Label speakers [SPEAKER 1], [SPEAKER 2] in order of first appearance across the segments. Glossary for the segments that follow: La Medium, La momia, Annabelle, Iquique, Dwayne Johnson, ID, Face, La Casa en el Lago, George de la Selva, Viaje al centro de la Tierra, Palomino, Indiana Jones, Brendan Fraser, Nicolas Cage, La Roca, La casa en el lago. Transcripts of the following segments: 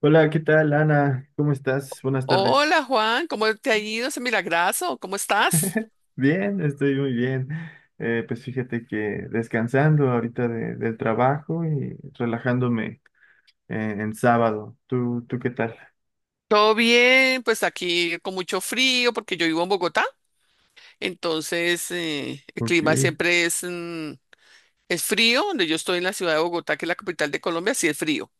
[SPEAKER 1] Hola, ¿qué tal, Ana? ¿Cómo estás? Buenas tardes.
[SPEAKER 2] Hola Juan, ¿cómo te ha ido ese milagrazo? ¿Cómo estás?
[SPEAKER 1] Bien, estoy muy bien. Pues fíjate que descansando ahorita del trabajo y relajándome en sábado. ¿Tú qué tal?
[SPEAKER 2] Todo bien, pues aquí con mucho frío porque yo vivo en Bogotá, entonces el
[SPEAKER 1] Ok.
[SPEAKER 2] clima siempre es, es frío, donde yo estoy en la ciudad de Bogotá, que es la capital de Colombia, sí es frío,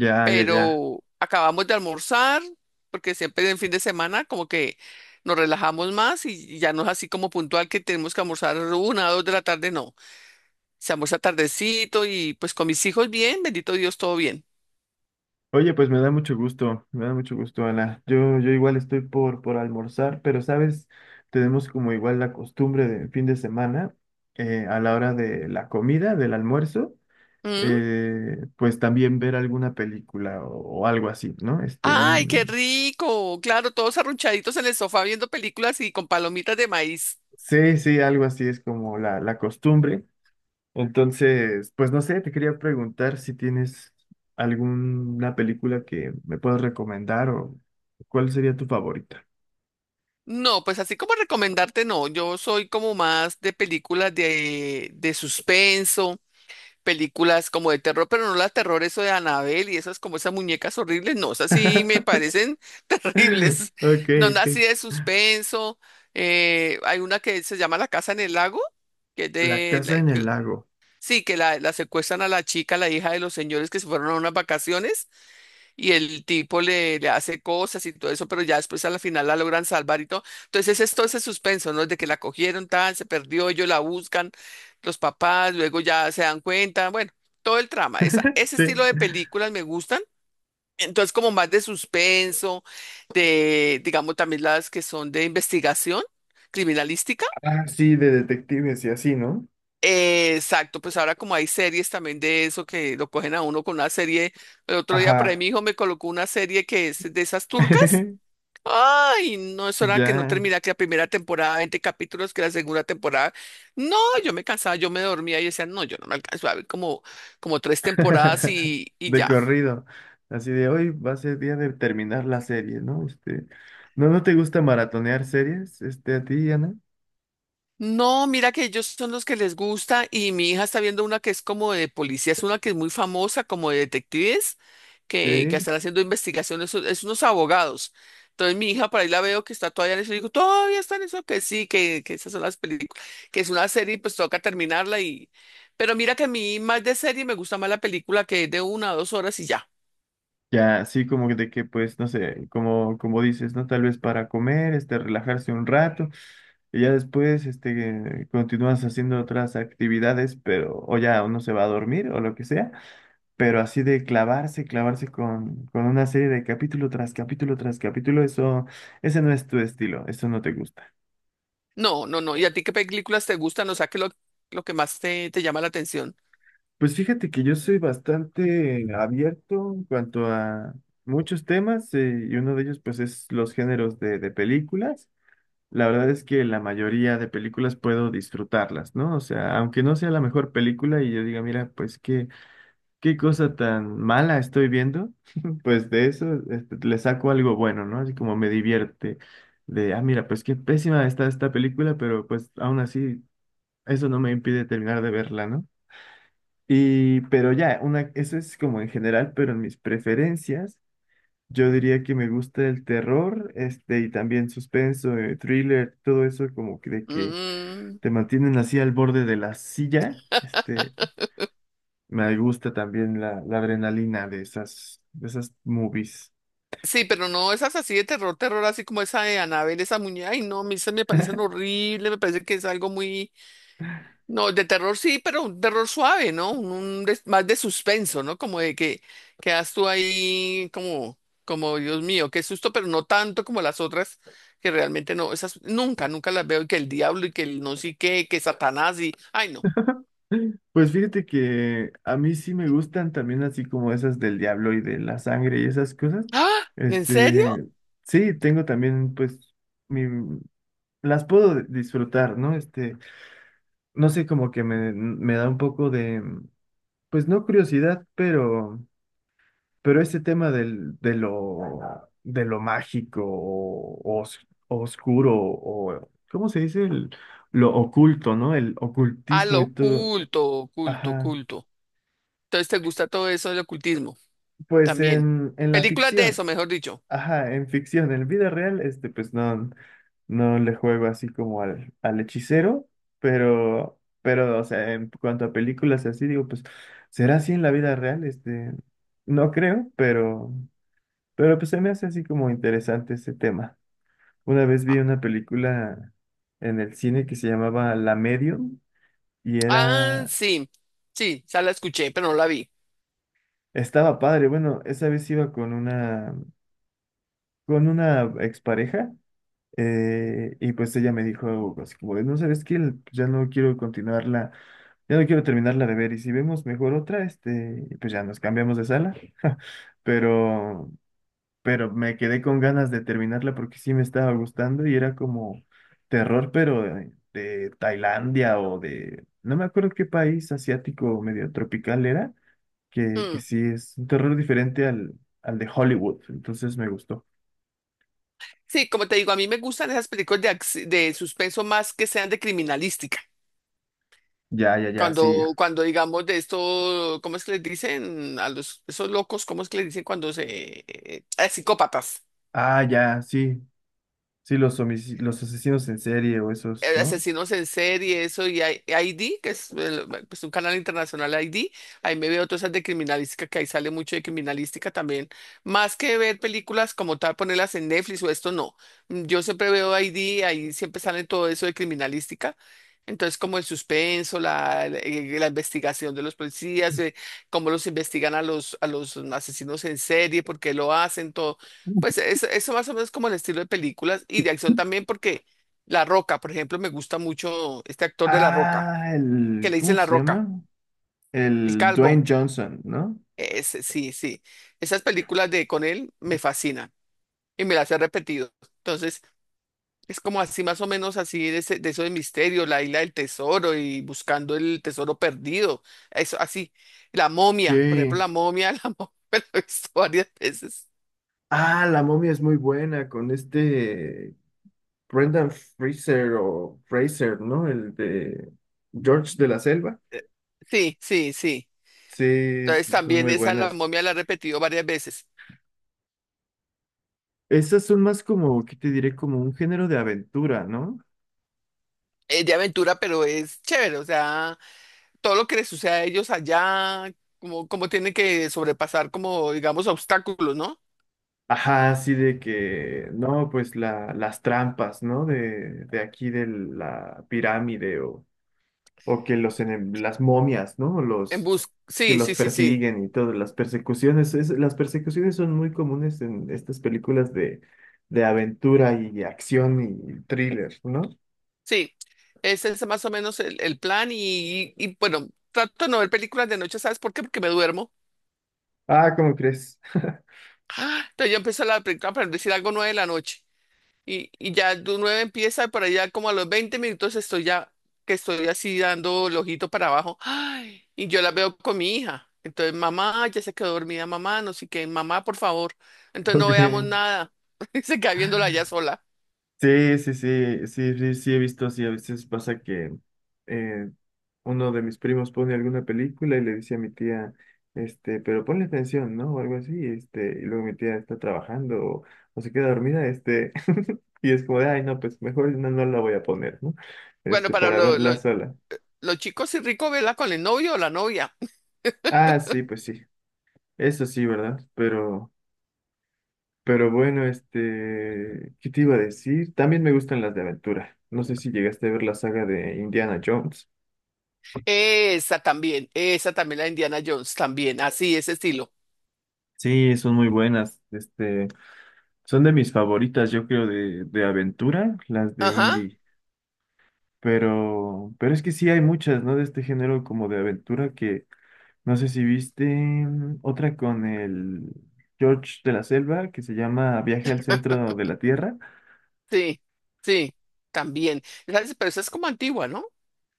[SPEAKER 1] Ya, ya, ya.
[SPEAKER 2] pero acabamos de almorzar porque siempre en fin de semana como que nos relajamos más y ya no es así como puntual que tenemos que almorzar 1 o 2 de la tarde, no. Se almuerza tardecito y pues con mis hijos bien, bendito Dios, todo bien.
[SPEAKER 1] Oye, pues me da mucho gusto, me da mucho gusto, Ana. Yo igual estoy por almorzar, pero sabes, tenemos como igual la costumbre de fin de semana, a la hora de la comida, del almuerzo.
[SPEAKER 2] ¿Mm?
[SPEAKER 1] Pues también ver alguna película o algo así, ¿no? Este,
[SPEAKER 2] Ay, qué
[SPEAKER 1] mm,
[SPEAKER 2] rico. Claro, todos arrunchaditos en el sofá viendo películas y con palomitas de maíz.
[SPEAKER 1] sí, sí, algo así es como la costumbre. Entonces, pues no sé, te quería preguntar si tienes alguna película que me puedas recomendar o cuál sería tu favorita.
[SPEAKER 2] No, pues así como recomendarte, no. Yo soy como más de películas de suspenso. Películas como de terror, pero no la terror, eso de Annabelle y esas como esas muñecas horribles, no, esas sí me parecen terribles.
[SPEAKER 1] Ok,
[SPEAKER 2] No, no, así de
[SPEAKER 1] ok.
[SPEAKER 2] suspenso. Hay una que se llama La Casa en el Lago, que es
[SPEAKER 1] La
[SPEAKER 2] de... la-
[SPEAKER 1] casa en el
[SPEAKER 2] que-
[SPEAKER 1] lago.
[SPEAKER 2] sí, que la secuestran a la chica, la hija de los señores que se fueron a unas vacaciones y el tipo le hace cosas y todo eso, pero ya después a la final la logran salvar y todo. Entonces es todo ese suspenso, ¿no? De que la cogieron, tal, se perdió, ellos la buscan, los papás, luego ya se dan cuenta, bueno, todo el trama. Esa, ese
[SPEAKER 1] Sí.
[SPEAKER 2] estilo de películas me gustan. Entonces como más de suspenso, de, digamos, también las que son de investigación criminalística.
[SPEAKER 1] Ah, sí, de detectives y así, ¿no?
[SPEAKER 2] Exacto, pues ahora como hay series también de eso que lo cogen a uno con una serie, el otro día por ahí
[SPEAKER 1] Ajá.
[SPEAKER 2] mi hijo me colocó una serie que es de esas turcas. Ay, no, eso era que no
[SPEAKER 1] Ya.
[SPEAKER 2] terminara que la primera temporada, 20 capítulos, que la segunda temporada. No, yo me cansaba, yo me dormía y decía, no, yo no me alcanzo a ver como, como tres temporadas y
[SPEAKER 1] De
[SPEAKER 2] ya.
[SPEAKER 1] corrido. Así de hoy va a ser día de terminar la serie, ¿no? Este, ¿no, no te gusta maratonear series, este, a ti, Ana?
[SPEAKER 2] No, mira que ellos son los que les gusta y mi hija está viendo una que es como de policía, es una que es muy famosa como de detectives que
[SPEAKER 1] Sí.
[SPEAKER 2] están haciendo investigaciones, es unos abogados. Entonces mi hija para ahí la veo que está todavía en eso y digo, todavía está en eso, que sí, que esas son las películas, que es una serie y pues toca terminarla y... Pero mira que a mí más de serie me gusta más la película que es de 1 o 2 horas y ya.
[SPEAKER 1] Ya, así como que de que, pues, no sé, como, como dices, ¿no? Tal vez para comer, este, relajarse un rato, y ya después, este, continúas haciendo otras actividades, pero, o ya uno se va a dormir o lo que sea, pero así de clavarse, clavarse con una serie de capítulo tras capítulo tras capítulo, eso, ese no es tu estilo, eso no te gusta.
[SPEAKER 2] No, no, no. ¿Y a ti qué películas te gustan? O sea, ¿qué es lo que más te llama la atención?
[SPEAKER 1] Pues fíjate que yo soy bastante abierto en cuanto a muchos temas y uno de ellos pues es los géneros de películas. La verdad es que la mayoría de películas puedo disfrutarlas, ¿no? O sea, aunque no sea la mejor película y yo diga, mira, pues qué, cosa tan mala estoy viendo, pues de eso este, le saco algo bueno, ¿no? Así como me divierte de, ah, mira, pues qué pésima está esta película, pero pues aún así eso no me impide terminar de verla, ¿no? Y, pero ya, una, eso es como en general, pero en mis preferencias, yo diría que me gusta el terror, este, y también suspenso, thriller, todo eso como que de que
[SPEAKER 2] Mm.
[SPEAKER 1] te mantienen así al borde de la silla, este, me gusta también la adrenalina de esas, movies.
[SPEAKER 2] Sí, pero no esas así de terror, terror, así como esa de Annabelle, esa muñeca. Ay, no, a mí esas me parecen horribles, me parece que es algo muy. No, de terror sí, pero un terror suave, ¿no? Más de suspenso, ¿no? Como de que quedas tú ahí como, como Dios mío, qué susto, pero no tanto como las otras, que realmente no, esas nunca, nunca las veo, y que el diablo y que el no sé qué, que Satanás y. Ay, no.
[SPEAKER 1] Pues fíjate que a mí sí me gustan también así como esas del diablo y de la sangre y esas cosas,
[SPEAKER 2] ¡Ah! ¿En serio?
[SPEAKER 1] este, sí, tengo también pues mi las puedo disfrutar, ¿no? Este, no sé, como que me, da un poco de, pues no curiosidad, pero, ese tema del, de lo mágico o, oscuro o, ¿cómo se dice? Lo oculto, ¿no? El
[SPEAKER 2] Al
[SPEAKER 1] ocultismo y todo.
[SPEAKER 2] oculto, oculto,
[SPEAKER 1] Ajá.
[SPEAKER 2] oculto. Entonces, ¿te gusta todo eso del ocultismo?
[SPEAKER 1] Pues
[SPEAKER 2] También.
[SPEAKER 1] en, la
[SPEAKER 2] Películas de
[SPEAKER 1] ficción.
[SPEAKER 2] eso, mejor dicho.
[SPEAKER 1] Ajá, en ficción, en vida real, este, pues no, no le juego así como al, hechicero, pero, o sea, en cuanto a películas y así, digo, pues, ¿será así en la vida real? Este, no creo, pero pues se me hace así como interesante ese tema. Una vez vi una película en el cine que se llamaba La Medium y
[SPEAKER 2] Ah,
[SPEAKER 1] era,
[SPEAKER 2] sí. Sí, ya la escuché, pero no la vi.
[SPEAKER 1] estaba padre, bueno, esa vez iba con una expareja. Y pues ella me dijo algo así como de, no sabes qué, ya no quiero continuarla, ya no quiero terminarla de ver y si vemos mejor otra, este, y pues ya nos cambiamos de sala. Pero, pero, me quedé con ganas de terminarla porque sí me estaba gustando y era como terror, pero de, Tailandia o de, no me acuerdo qué país asiático medio tropical era, que,
[SPEAKER 2] Mm.
[SPEAKER 1] sí es un terror diferente al de Hollywood, entonces me gustó.
[SPEAKER 2] Sí, como te digo, a mí me gustan esas películas de, de suspenso más que sean de criminalística.
[SPEAKER 1] Ya, ya, ya, sí.
[SPEAKER 2] Cuando, cuando digamos de esto, ¿cómo es que les dicen a los, esos locos? ¿Cómo es que les dicen cuando se, eh, psicópatas?
[SPEAKER 1] Ah, ya, sí. Sí, los asesinos en serie o esos, ¿no?
[SPEAKER 2] Asesinos en serie, eso, y ID, que es pues, un canal internacional ID, ahí me veo todas esas de criminalística, que ahí sale mucho de criminalística también. Más que ver películas como tal, ponerlas en Netflix o esto, no. Yo siempre veo ID, ahí siempre sale todo eso de criminalística. Entonces, como el suspenso, la, la investigación de los policías, cómo los investigan a los asesinos en serie, por qué lo hacen, todo.
[SPEAKER 1] Ujú.
[SPEAKER 2] Pues eso más o menos como el estilo de películas y de acción también, porque la Roca, por ejemplo, me gusta mucho este actor de La Roca,
[SPEAKER 1] Ah,
[SPEAKER 2] que
[SPEAKER 1] el,
[SPEAKER 2] le dicen
[SPEAKER 1] ¿cómo
[SPEAKER 2] La
[SPEAKER 1] se
[SPEAKER 2] Roca,
[SPEAKER 1] llama?
[SPEAKER 2] el
[SPEAKER 1] El
[SPEAKER 2] calvo.
[SPEAKER 1] Dwayne Johnson, ¿no?
[SPEAKER 2] Ese, sí, sí. Esas películas de con él me fascinan y me las he repetido. Entonces, es como así más o menos así de, de eso de misterio, la isla del tesoro y buscando el tesoro perdido. Eso así. La momia, por ejemplo,
[SPEAKER 1] Sí.
[SPEAKER 2] la momia, la momia me la he visto varias veces.
[SPEAKER 1] Ah, la momia es muy buena con este Brendan Fraser o Fraser, ¿no? El de George de la Selva.
[SPEAKER 2] Sí, sí, sí.
[SPEAKER 1] Sí,
[SPEAKER 2] Entonces
[SPEAKER 1] son
[SPEAKER 2] también
[SPEAKER 1] muy
[SPEAKER 2] esa la
[SPEAKER 1] buenas.
[SPEAKER 2] momia la he repetido varias veces.
[SPEAKER 1] Esas son más como, ¿qué te diré? Como un género de aventura, ¿no?
[SPEAKER 2] Es de aventura, pero es chévere, o sea, todo lo que les sucede a ellos allá, como, como tienen que sobrepasar, como digamos, obstáculos, ¿no?
[SPEAKER 1] Ajá, así de que, no, pues la, las trampas, ¿no? de, aquí de la pirámide o que los las momias, ¿no?
[SPEAKER 2] En
[SPEAKER 1] Los
[SPEAKER 2] bus,
[SPEAKER 1] que
[SPEAKER 2] sí,
[SPEAKER 1] los
[SPEAKER 2] sí, sí, sí,
[SPEAKER 1] persiguen y todas las persecuciones. Las persecuciones son muy comunes en estas películas de aventura y acción y thriller, ¿no?
[SPEAKER 2] sí. Ese es más o menos el plan y, bueno, trato de no ver películas de noche, ¿sabes por qué? Porque me duermo.
[SPEAKER 1] Ah, ¿cómo crees?
[SPEAKER 2] Ah, entonces yo empiezo la película para no decir algo 9 de la noche. Y ya de un 9 empieza, para allá como a los 20 minutos estoy ya, que estoy así dando el ojito para abajo. Ay, y yo la veo con mi hija. Entonces, mamá, ya se quedó dormida, mamá, no sé qué, mamá, por favor. Entonces no veamos
[SPEAKER 1] Ok.
[SPEAKER 2] nada. Y se queda viéndola ya sola.
[SPEAKER 1] Sí, sí, sí, sí, sí, sí, he visto así. A veces pasa que eh, uno de mis primos pone alguna película y le dice a mi tía, este, pero ponle atención, ¿no? O algo así, este, y luego mi tía está trabajando o, se queda dormida, este, y es como de, ay, no, pues mejor no, no la voy a poner, ¿no?
[SPEAKER 2] Bueno,
[SPEAKER 1] Este,
[SPEAKER 2] para
[SPEAKER 1] para verla sola.
[SPEAKER 2] los chicos sí rico verla con el novio o la novia.
[SPEAKER 1] Ah, sí, pues sí, eso sí, ¿verdad? pero bueno, este, ¿qué te iba a decir? También me gustan las de aventura. No sé si llegaste a ver la saga de Indiana Jones.
[SPEAKER 2] Esa también, la de Indiana Jones, también, así, ese estilo.
[SPEAKER 1] Sí, son muy buenas. Este, son de mis favoritas, yo creo, de, aventura, las de
[SPEAKER 2] Ajá,
[SPEAKER 1] indie. pero es que sí hay muchas, ¿no? De este género como de aventura que no sé si viste otra con el George de la Selva que se llama Viaje al centro de la Tierra.
[SPEAKER 2] sí, sí, también. Esa es- Pero esa es como antigua, ¿no?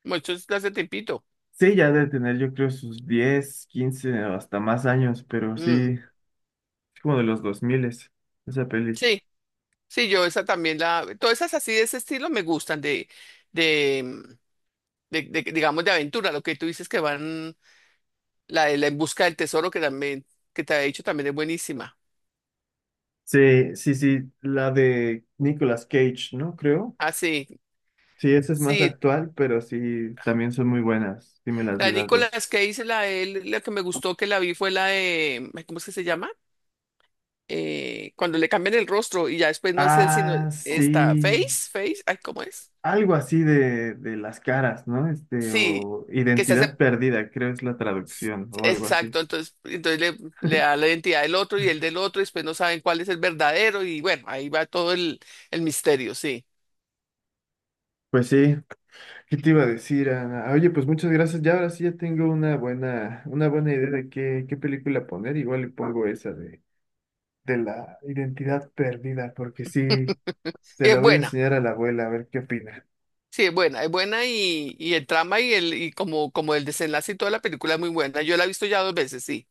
[SPEAKER 2] Mucho es de hace tiempito.
[SPEAKER 1] Sí, ya debe tener, yo creo, sus 10, 15 o hasta más años, pero
[SPEAKER 2] Mm.
[SPEAKER 1] sí, es como de los 2000 esa peli.
[SPEAKER 2] Sí, sí, yo esa también la, todas esas así de ese estilo me gustan de, digamos, de aventura, lo que tú dices que van, la de la en busca del tesoro que también, que te ha dicho también es buenísima.
[SPEAKER 1] Sí, sí, sí, la de Nicolas Cage, ¿no? Creo.
[SPEAKER 2] Ah, sí,
[SPEAKER 1] Sí, esa es más
[SPEAKER 2] sí,
[SPEAKER 1] actual, pero sí, también son muy buenas. Sí, me las
[SPEAKER 2] la
[SPEAKER 1] vi
[SPEAKER 2] de
[SPEAKER 1] las dos.
[SPEAKER 2] Nicolas Cage, la de él, la que me gustó que la vi fue la de, ay, ¿cómo es que se llama? Cuando le cambian el rostro y ya después no es él, sino
[SPEAKER 1] Ah,
[SPEAKER 2] esta,
[SPEAKER 1] sí.
[SPEAKER 2] Face, Face, ay, ¿cómo es?
[SPEAKER 1] Algo así de, las caras, ¿no? Este,
[SPEAKER 2] Sí,
[SPEAKER 1] o
[SPEAKER 2] que se hace.
[SPEAKER 1] identidad perdida, creo es la traducción, o algo así.
[SPEAKER 2] Exacto, entonces, entonces le da la identidad del otro y el del otro, y después no saben cuál es el verdadero, y bueno, ahí va todo el misterio, sí.
[SPEAKER 1] Pues sí, ¿qué te iba a decir, Ana? Oye, pues muchas gracias. Ya ahora sí ya tengo una buena, idea de qué película poner. Igual le pongo esa de la identidad perdida, porque sí, se la
[SPEAKER 2] Es
[SPEAKER 1] voy a
[SPEAKER 2] buena,
[SPEAKER 1] enseñar a la abuela a ver qué opina.
[SPEAKER 2] sí, es buena y el trama y el y como, como el desenlace y toda la película es muy buena. Yo la he visto ya dos veces, sí.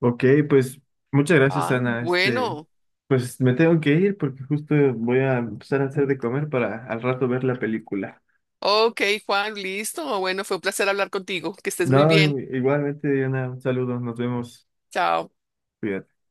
[SPEAKER 1] Ok, pues muchas gracias,
[SPEAKER 2] Ah,
[SPEAKER 1] Ana. Este,
[SPEAKER 2] bueno.
[SPEAKER 1] pues me tengo que ir porque justo voy a empezar a hacer de comer para al rato ver la película.
[SPEAKER 2] Ok, Juan, listo. Bueno, fue un placer hablar contigo. Que estés muy
[SPEAKER 1] No,
[SPEAKER 2] bien.
[SPEAKER 1] igualmente, Ana, un saludo, nos vemos.
[SPEAKER 2] Chao.
[SPEAKER 1] Cuídate.